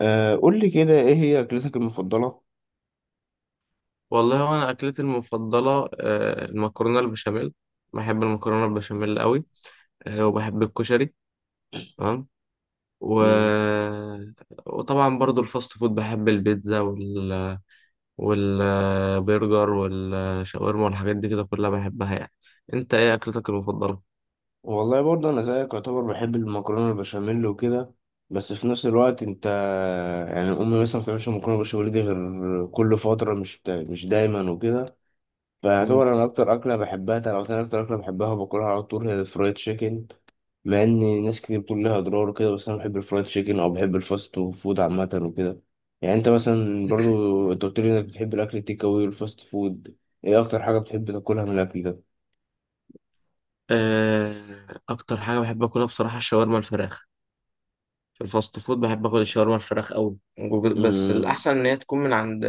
أه، قول لي كده ايه هي اكلتك المفضله؟ والله هو انا اكلتي المفضله المكرونه البشاميل. بحب المكرونه البشاميل قوي. وبحب الكشري. تمام و... مم. وطبعا برضو الفاست فود بحب البيتزا والبرجر والشاورما والحاجات دي كده كلها بحبها يعني. انت ايه اكلتك المفضله؟ والله برضه انا زيك يعتبر بحب المكرونه البشاميل وكده، بس في نفس الوقت انت يعني امي مثلا ما بتعملش مكرونه بشاميل دي غير كل فتره، مش دايما وكده. مم. فيعتبر انا اكتر اكله بحبها، لو انا اكتر اكله بحبها وباكلها على طول هي الفرايد تشيكن. مع ان ناس كتير بتقول لها اضرار وكده، بس انا بحب الفرايد تشيكن او بحب الفاست فود عامه وكده. يعني انت مثلا برضو انت قلت لي انك بتحب الاكل التيك اوي والفاست فود، ايه اكتر حاجه بتحب تاكلها من الاكل ده؟ اكتر حاجه بحب اكلها بصراحه الشاورما الفراخ. في الفاست فود بحب اكل الشاورما الفراخ قوي. بس أمم. الاحسن ان هي تكون من عند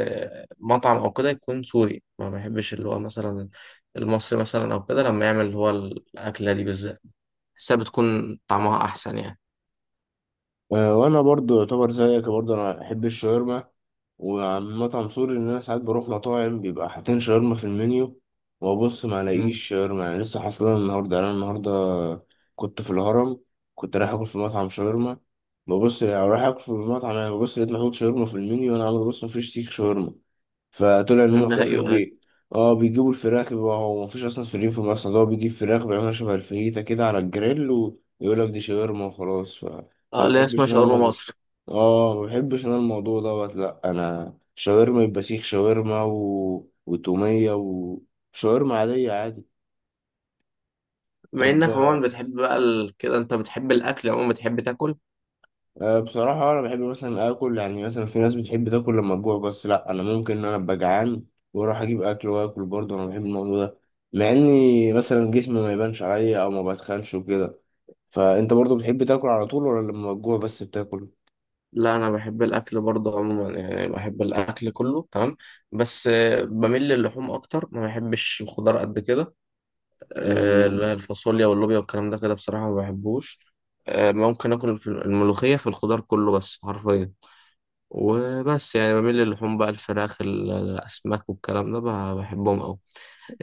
مطعم او كده يكون سوري، ما بحبش اللي هو مثلا المصري مثلا او كده لما يعمل اللي هو الاكله دي بالذات. بحسها بتكون طعمها احسن يعني. وانا برضو يعتبر زيك، برضو انا بحب الشاورما، وعن مطعم سوري ان انا ساعات بروح مطاعم بيبقى حاطين شاورما في المنيو، وابص ما الاقيش مم. شاورما. يعني لسه حاصلها النهارده، يعني انا النهارده كنت في الهرم، كنت رايح اكل في مطعم شاورما، ببص يعني رايح اكل في المطعم، يعني ببص لقيت محطوط شاورما في المنيو، وانا عمال ابص مفيش سيخ شاورما. فطلع ان مم، هم ده في اخر ايوه ايوه. بي، اه بيجيبوا الفراخ. بيبقى هو مفيش اصلا سوريين في مصر، ده هو بيجيب فراخ بيعملها شبه الفيتا كده على الجريل ويقول لك دي شاورما وخلاص. فما اه، اللي هي بحبش اسمها انا شاورما الموضوع، مصر. اه ما بحبش انا الموضوع دوت. لا، انا شاورما يبقى سيخ شاورما وتومية وشاورما عادية عادي. بما طب، انك عموما بتحب بقى كده، انت بتحب الاكل عموما، بتحب تاكل؟ أه بصراحة أنا بحب مثلا آكل. يعني مثلا في ناس بتحب تاكل لما تجوع بس، لأ أنا ممكن إن أنا أبقى جعان وأروح أجيب أكل وآكل برضه، أنا بحب الموضوع ده، مع إني مم. مثلا جسمي ما يبانش عليا أو ما بتخنش وكده. فأنت برضه بتحب تاكل على طول، ولا لما تجوع بس بتاكل؟ لا، انا بحب الاكل برضه عموما، يعني بحب الاكل كله تمام. بس بميل للحوم اكتر، ما بحبش الخضار قد كده. لا، الفاصوليا واللوبيا والكلام ده كده بصراحة ما بحبوش. ممكن آكل الملوخية في الخضار كله بس حرفيا. وبس يعني بميل للحوم بقى الفراخ الأسماك والكلام ده بقى بحبهم أوي.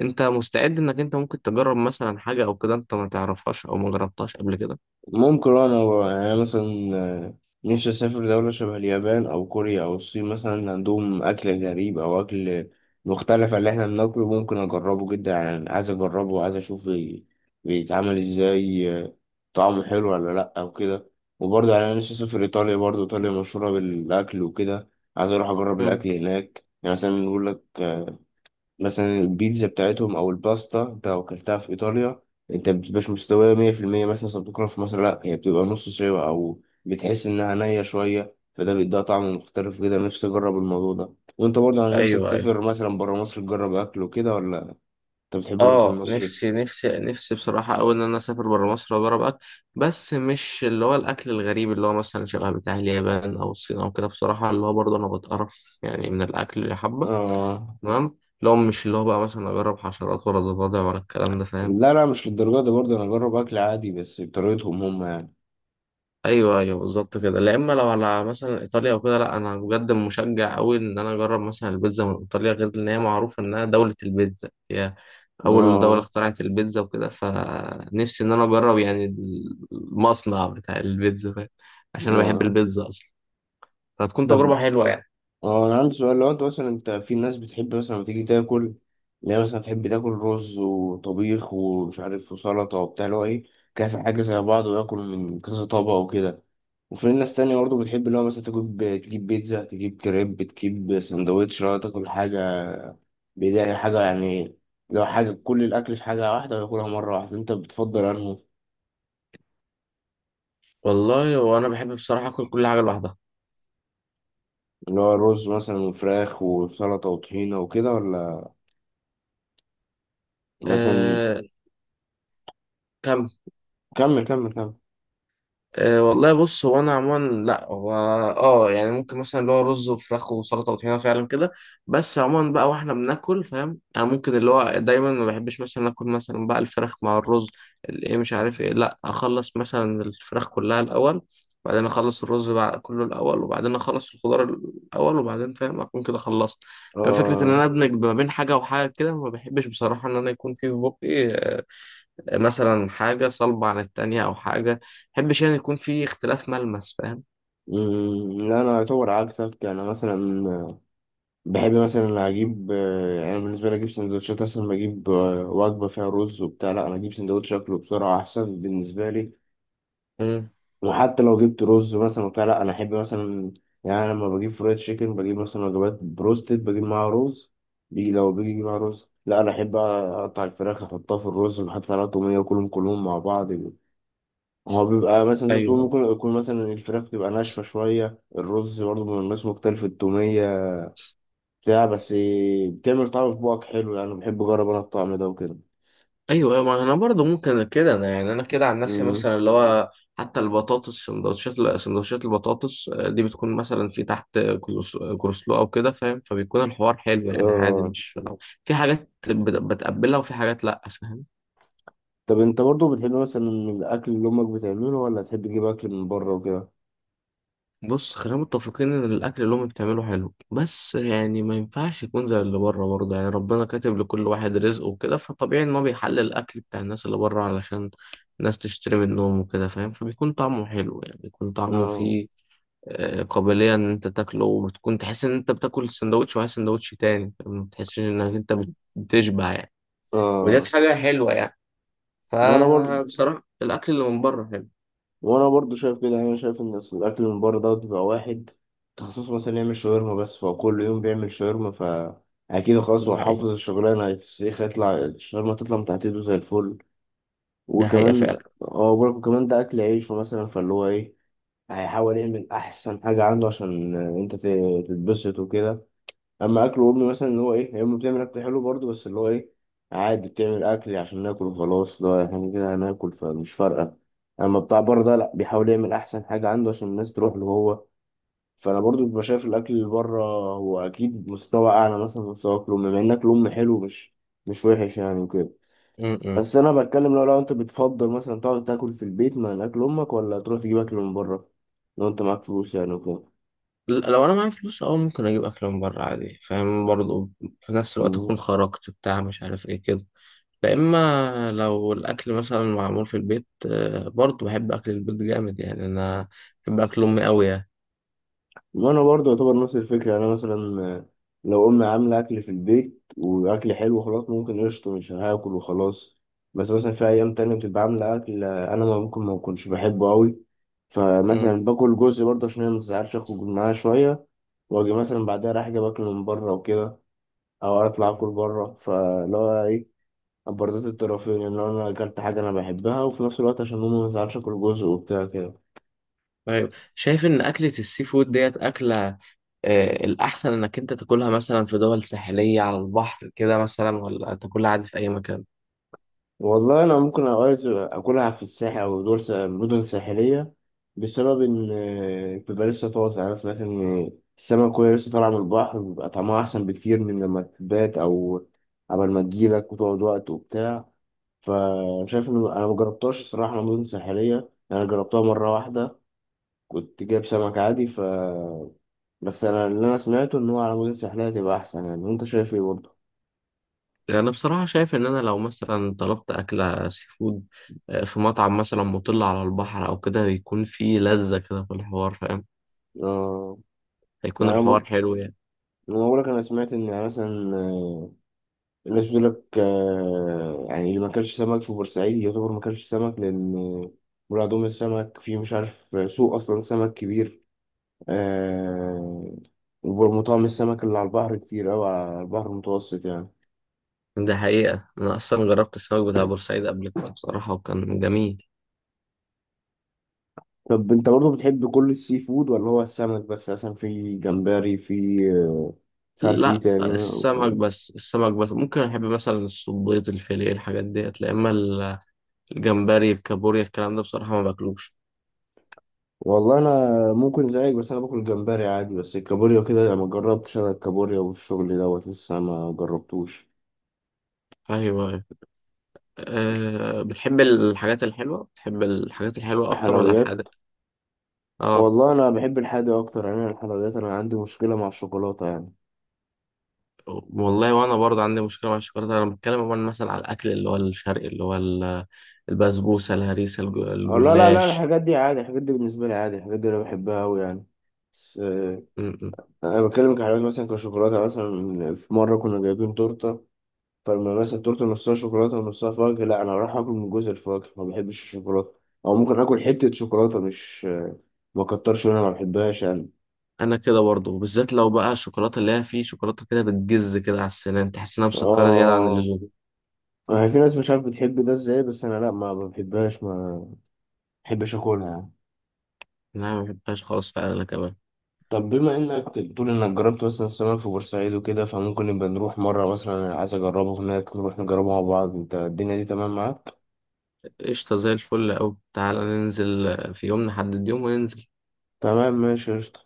أنت مستعد إنك أنت ممكن تجرب مثلا حاجة أو كده أنت ما تعرفهاش أو ما جربتهاش قبل كده؟ ممكن انا، يعني أنا مثلا نفسي اسافر دولة شبه اليابان او كوريا او الصين، مثلا عندهم اكل غريب او اكل مختلف عن اللي احنا بناكله، ممكن اجربه جدا. يعني عايز اجربه وعايز اشوف بيتعمل ازاي، طعمه حلو ولا لا او كده. وبرضه يعني انا نفسي اسافر ايطاليا، برضه ايطاليا مشهورة بالاكل وكده، عايز اروح اجرب مم. الاكل هناك. يعني مثلا يقول لك مثلا البيتزا بتاعتهم او الباستا، انت لو اكلتها في ايطاليا انت مبتبقاش مستويه 100% مثلا زي ما بتاكلها في مصر، لا هي بتبقى نص سوا او بتحس انها نيه شويه، فده بيديها طعم مختلف كده. نفسي اجرب الموضوع ده. وانت برضه على نفسك أيوه أيوه. تسافر مثلا بره مصر تجرب اكل وكده، ولا انت بتحب الاكل اه، المصري؟ نفسي نفسي نفسي بصراحة أوي إن أنا أسافر برا مصر وأجرب أكل. بس مش اللي هو الأكل الغريب اللي هو مثلا شبه بتاع اليابان أو الصين أو كده، بصراحة اللي هو برضه أنا بتقرف يعني من الأكل اللي حبة. اه. تمام، اللي هو مش اللي هو بقى مثلا أجرب حشرات ولا ضفادع ولا الكلام ده، فاهم؟ لا لا مش للدرجه دي، برضه انا اجرب اكل عادي بس بطريقتهم هم يعني. ايوه ايوه بالظبط كده. لا اما لو على مثلا ايطاليا وكده، لا انا بجد مشجع قوي ان انا اجرب مثلا البيتزا من ايطاليا، غير ان هي معروفه انها دوله البيتزا، هي اول دوله اه. اخترعت البيتزا وكده، فنفسي ان انا اجرب يعني المصنع بتاع البيتزا، فاهم. عشان انا بحب اه. البيتزا اصلا. فهتكون طب، تجربه حلوه يعني. اه انا عندي سؤال. لو انت مثلا، انت في ناس بتحب مثلا لما تيجي تاكل اللي هي مثلا تحب تاكل رز وطبيخ ومش عارف وسلطه وبتاع، اللي هو ايه، كذا حاجه زي بعض وياكل من كذا طبق وكده. وفي ناس تانية برضه بتحب اللي هو مثلا تجيب بيتزا، تجيب كريب، تجيب سندوتش، اللي هو تاكل حاجه بداية حاجه يعني، لو حاجه كل الاكل في حاجه واحده وياكلها مره واحده. انت بتفضل انه والله وانا بحب بصراحه اكل كل حاجه لوحدها. اللي هو رز مثلا وفراخ وسلطه وطحينه وكده، ولا مثلا؟ أه. كمل كمل أه والله بص، هو انا عموما، لا هو اه يعني ممكن مثلا اللي هو رز وفراخ وسلطه وطحينه فعلا كده. بس عموما بقى، واحنا بناكل فاهم، يعني ممكن اللي هو دايما ما بحبش مثلا اكل مثلا بقى الفراخ مع الرز الايه مش عارف ايه، لا اخلص مثلا الفراخ كلها الاول، وبعدين اخلص الرز بقى كله الاول، وبعدين اخلص الخضار الاول، وبعدين فاهم اكون كده خلصت. لما فكره ان كمل. انا ادمج ما بين حاجه وحاجه كده، ما بحبش بصراحه ان انا يكون في بقي مثلا حاجة صلبة عن التانية أو حاجة محبش يعني يكون في اختلاف ملمس، فاهم. مم، لا انا اعتبر عكسك. انا مثلا بحب مثلا اجيب، يعني بالنسبه لي اجيب سندوتشات. مثلا بجيب وجبه فيها رز وبتاع، لا انا اجيب سندوتش اكله بسرعه احسن بالنسبه لي. مم. وحتى لو جبت رز مثلا وبتاع، لا انا احب مثلا، يعني لما بجيب فرايد تشيكن، بجيب مثلا وجبات بروستد، بجيب معاها رز، بيجي لو بيجي معاها رز، لا انا احب اقطع الفراخ احطها في الرز واحط عليها طوميه وكلهم كلهم مع بعض. هو بيبقى مثلا زي ما بتقول، أيوه ممكن يكون مثلا الفراخ تبقى ناشفة شوية، الرز برضه من الناس مختلف، التومية بتاع، بس بتعمل طعم في بوقك حلو. يعني بحب أجرب أنا الطعم ده وكده. أيوه أيوه، ما أنا برضه ممكن كده، أنا يعني أنا كده عن نفسي أمم. مثلا اللي هو حتى البطاطس سندوتشات سندوتشات البطاطس، دي بتكون مثلا في تحت كروسلو أو كده فاهم، فبيكون الحوار حلو يعني عادي، آه. مش لو في حاجات بتقبلها وفي حاجات لأ، فاهم؟ طب أنت برضه بتحب مثلا الأكل اللي أمك بتعمله ولا تحب تجيب أكل من بره وكده؟ بص، خلينا متفقين ان الاكل اللي هم بتعمله حلو، بس يعني ما ينفعش يكون زي اللي بره برضه، يعني ربنا كاتب لكل واحد رزقه وكده، فطبيعي ان هو بيحلل الاكل بتاع الناس اللي بره علشان الناس تشتري منهم وكده فاهم، فبيكون طعمه حلو يعني، بيكون طعمه آه. فيه قابلية ان انت تاكله وبتكون تحس ان انت بتاكل سندوتش وعايز سندوتش تاني، فاهم؟ ما بتحسش انك انت بتشبع يعني. ودي آه. حاجة حلوة يعني. وأنا برضه فبصراحة الاكل اللي من بره حلو. وانا برضو شايف كده. يعني انا شايف ان أصل الاكل من بره دوت بيبقى واحد تخصص مثلا يعمل شاورما بس، فهو كل يوم بيعمل شاورما، فا اكيد خلاص دي هو حافظ حقيقة. الشغلانه، هيتسيخ يطلع الشاورما، تطلع من تحت ايده زي الفل. دي حقيقة وكمان فعلا. هو برضه كمان ده اكل عيشه مثلا، فاللي هو ايه، هيحاول يعمل احسن حاجه عنده عشان انت تتبسط وكده. اما اكل وامي مثلا اللي هو ايه، هي امي بتعمل اكل حلو برضو، بس اللي هو ايه، عادي بتعمل اكل عشان ناكل وخلاص، لا احنا كده هناكل فمش فارقه. اما بتاع بره ده لا، بيحاول يعمل احسن حاجه عنده عشان الناس تروح له هو. فانا برضو ببقى شايف الاكل اللي بره هو اكيد مستوى اعلى مثلا من مستوى اكل امي، مع ان اكل امي حلو، مش وحش يعني وكده. م- م. بس انا بتكلم، لو انت بتفضل مثلا تقعد تاكل في البيت مع اكل امك، ولا تروح تجيب اكل من بره، لو انت معاك فلوس يعني وكده. لو انا معايا فلوس اه ممكن اجيب اكل من بره عادي فاهم برضو في نفس الوقت اكون خرجت بتاع مش عارف ايه كده. لا اما لو الاكل مثلا معمول في البيت، برضو بحب اكل البيت جامد يعني انا بحب اكل امي قوي يعني. وانا برضه يعتبر نفس الفكره. يعني انا مثلا لو امي عامله اكل في البيت واكل حلو، خلاص ممكن قشطه مش هاكل وخلاص. بس مثلا في ايام تانية بتبقى عامله اكل انا ما ممكن ما اكونش بحبه قوي، مم. فمثلا باكل جزء برضه عشان هي ما تزعلش، اخرج معاها شويه واجي مثلا بعدها رايح جايب اكل من بره وكده، او اطلع مم. اكل بره. فاللي هو ايه، برضه الطرفين ان، يعني لو انا اكلت حاجه انا بحبها، وفي نفس الوقت عشان ماما ما تزعلش اكل جزء وبتاع كده. طيب، شايف ان اكلة السي فود ديت اكلة الاحسن انك انت تاكلها مثلا في دول ساحلية على البحر كده مثلا، ولا تاكلها عادي في اي مكان؟ والله انا ممكن اوقات اكلها في الساحل او دول مدن ساحليه، بسبب ان بيبقى لسه طازه. يعني انا سمعت ان السمك وهي لسه طالعه من البحر بيبقى طعمها احسن بكتير من لما تبات، او قبل ما تجيلك وتقعد وقت وبتاع. فشايف ان انا مجربتهاش الصراحه مدن ساحليه يعني، انا جربتها مره واحده، كنت جايب سمك عادي ف، بس انا اللي انا سمعته ان هو على مدن ساحليه تبقى احسن. يعني انت شايف ايه برضه؟ أنا بصراحة شايف إن أنا لو مثلا طلبت أكلة سي فود في مطعم مثلا مطل على البحر أو كده، بيكون فيه لذة كده في الحوار، فاهم. اه. هيكون يعني انا الحوار حلو يعني. بقول لك انا سمعت ان، يعني مثلا الناس بتقول لك يعني اللي ما كانش سمك في بورسعيد يعتبر ما كانش سمك، لأن مرادهم السمك في مش عارف، سوق أصلا سمك كبير، آه، ومطاعم السمك اللي على البحر كتير أوي على البحر المتوسط يعني. ده حقيقة، أنا أصلا جربت السمك بتاع بورسعيد قبل كده بصراحة وكان جميل. طب أنت برضه بتحب كل السي فود، ولا هو السمك بس، مثلا في جمبري، في آه، مش عارف إيه لا، تاني؟ السمك بس السمك بس، ممكن أحب مثلا الصبيط الفيليه الحاجات ديت، لا إما الجمبري الكابوريا الكلام ده بصراحة ما باكلوش. والله أنا ممكن زيك، بس أنا باكل جمبري عادي، بس الكابوريا كده ما جربتش. أنا الكابوريا والشغل دوت لسه ما جربتوش. أيوه أيوه. أه، بتحب الحاجات الحلوة بتحب الحاجات الحلوة أكتر ولا حلويات. الحادق؟ اه. والله انا بحب الحادق اكتر. يعني أنا الحلويات، انا عندي مشكله مع الشوكولاته يعني. والله وانا برضه عندي مشكله مع الشوكولاته، انا بتكلم عموما مثلا على الاكل اللي هو الشرقي اللي هو البسبوسه الهريسه أو لا لا لا، الجلاش. الحاجات دي عادي، الحاجات دي بالنسبه لي عادي، الحاجات دي انا بحبها قوي يعني. بس م- م. انا بتكلم كحلويات، مثلا كشوكولاته. مثلا في مره كنا جايبين تورته، فلما مثلا التورته نصها شوكولاته ونصها فواكه، لا انا راح اكل من جزء الفواكه، ما بحبش الشوكولاته. او ممكن اكل حته شوكولاته، مش ما كترش منها، ما بحبهاش يعني. انا كده برضه بالذات، لو بقى الشوكولاته اللي هي فيه شوكولاته كده بتجز كده على السنان تحس انها مسكره زياده عن اه اللزوم. آه. في ناس مش عارف بتحب ده ازاي، بس انا لا ما بحبهاش، ما بحبش اكلها يعني. لا، ما بحبهاش خالص فعلا، انا كمان. طب بما انك بتقول انك جربت مثلا السمك في بورسعيد وكده، فممكن نبقى نروح مرة مثلا، انا عايز اجربه هناك، نروح نجربه مع بعض. انت الدنيا دي تمام معاك؟ قشطه، زي الفل اوي، تعالى ننزل في يوم، نحدد يوم وننزل. تمام، ماشي، قشطة.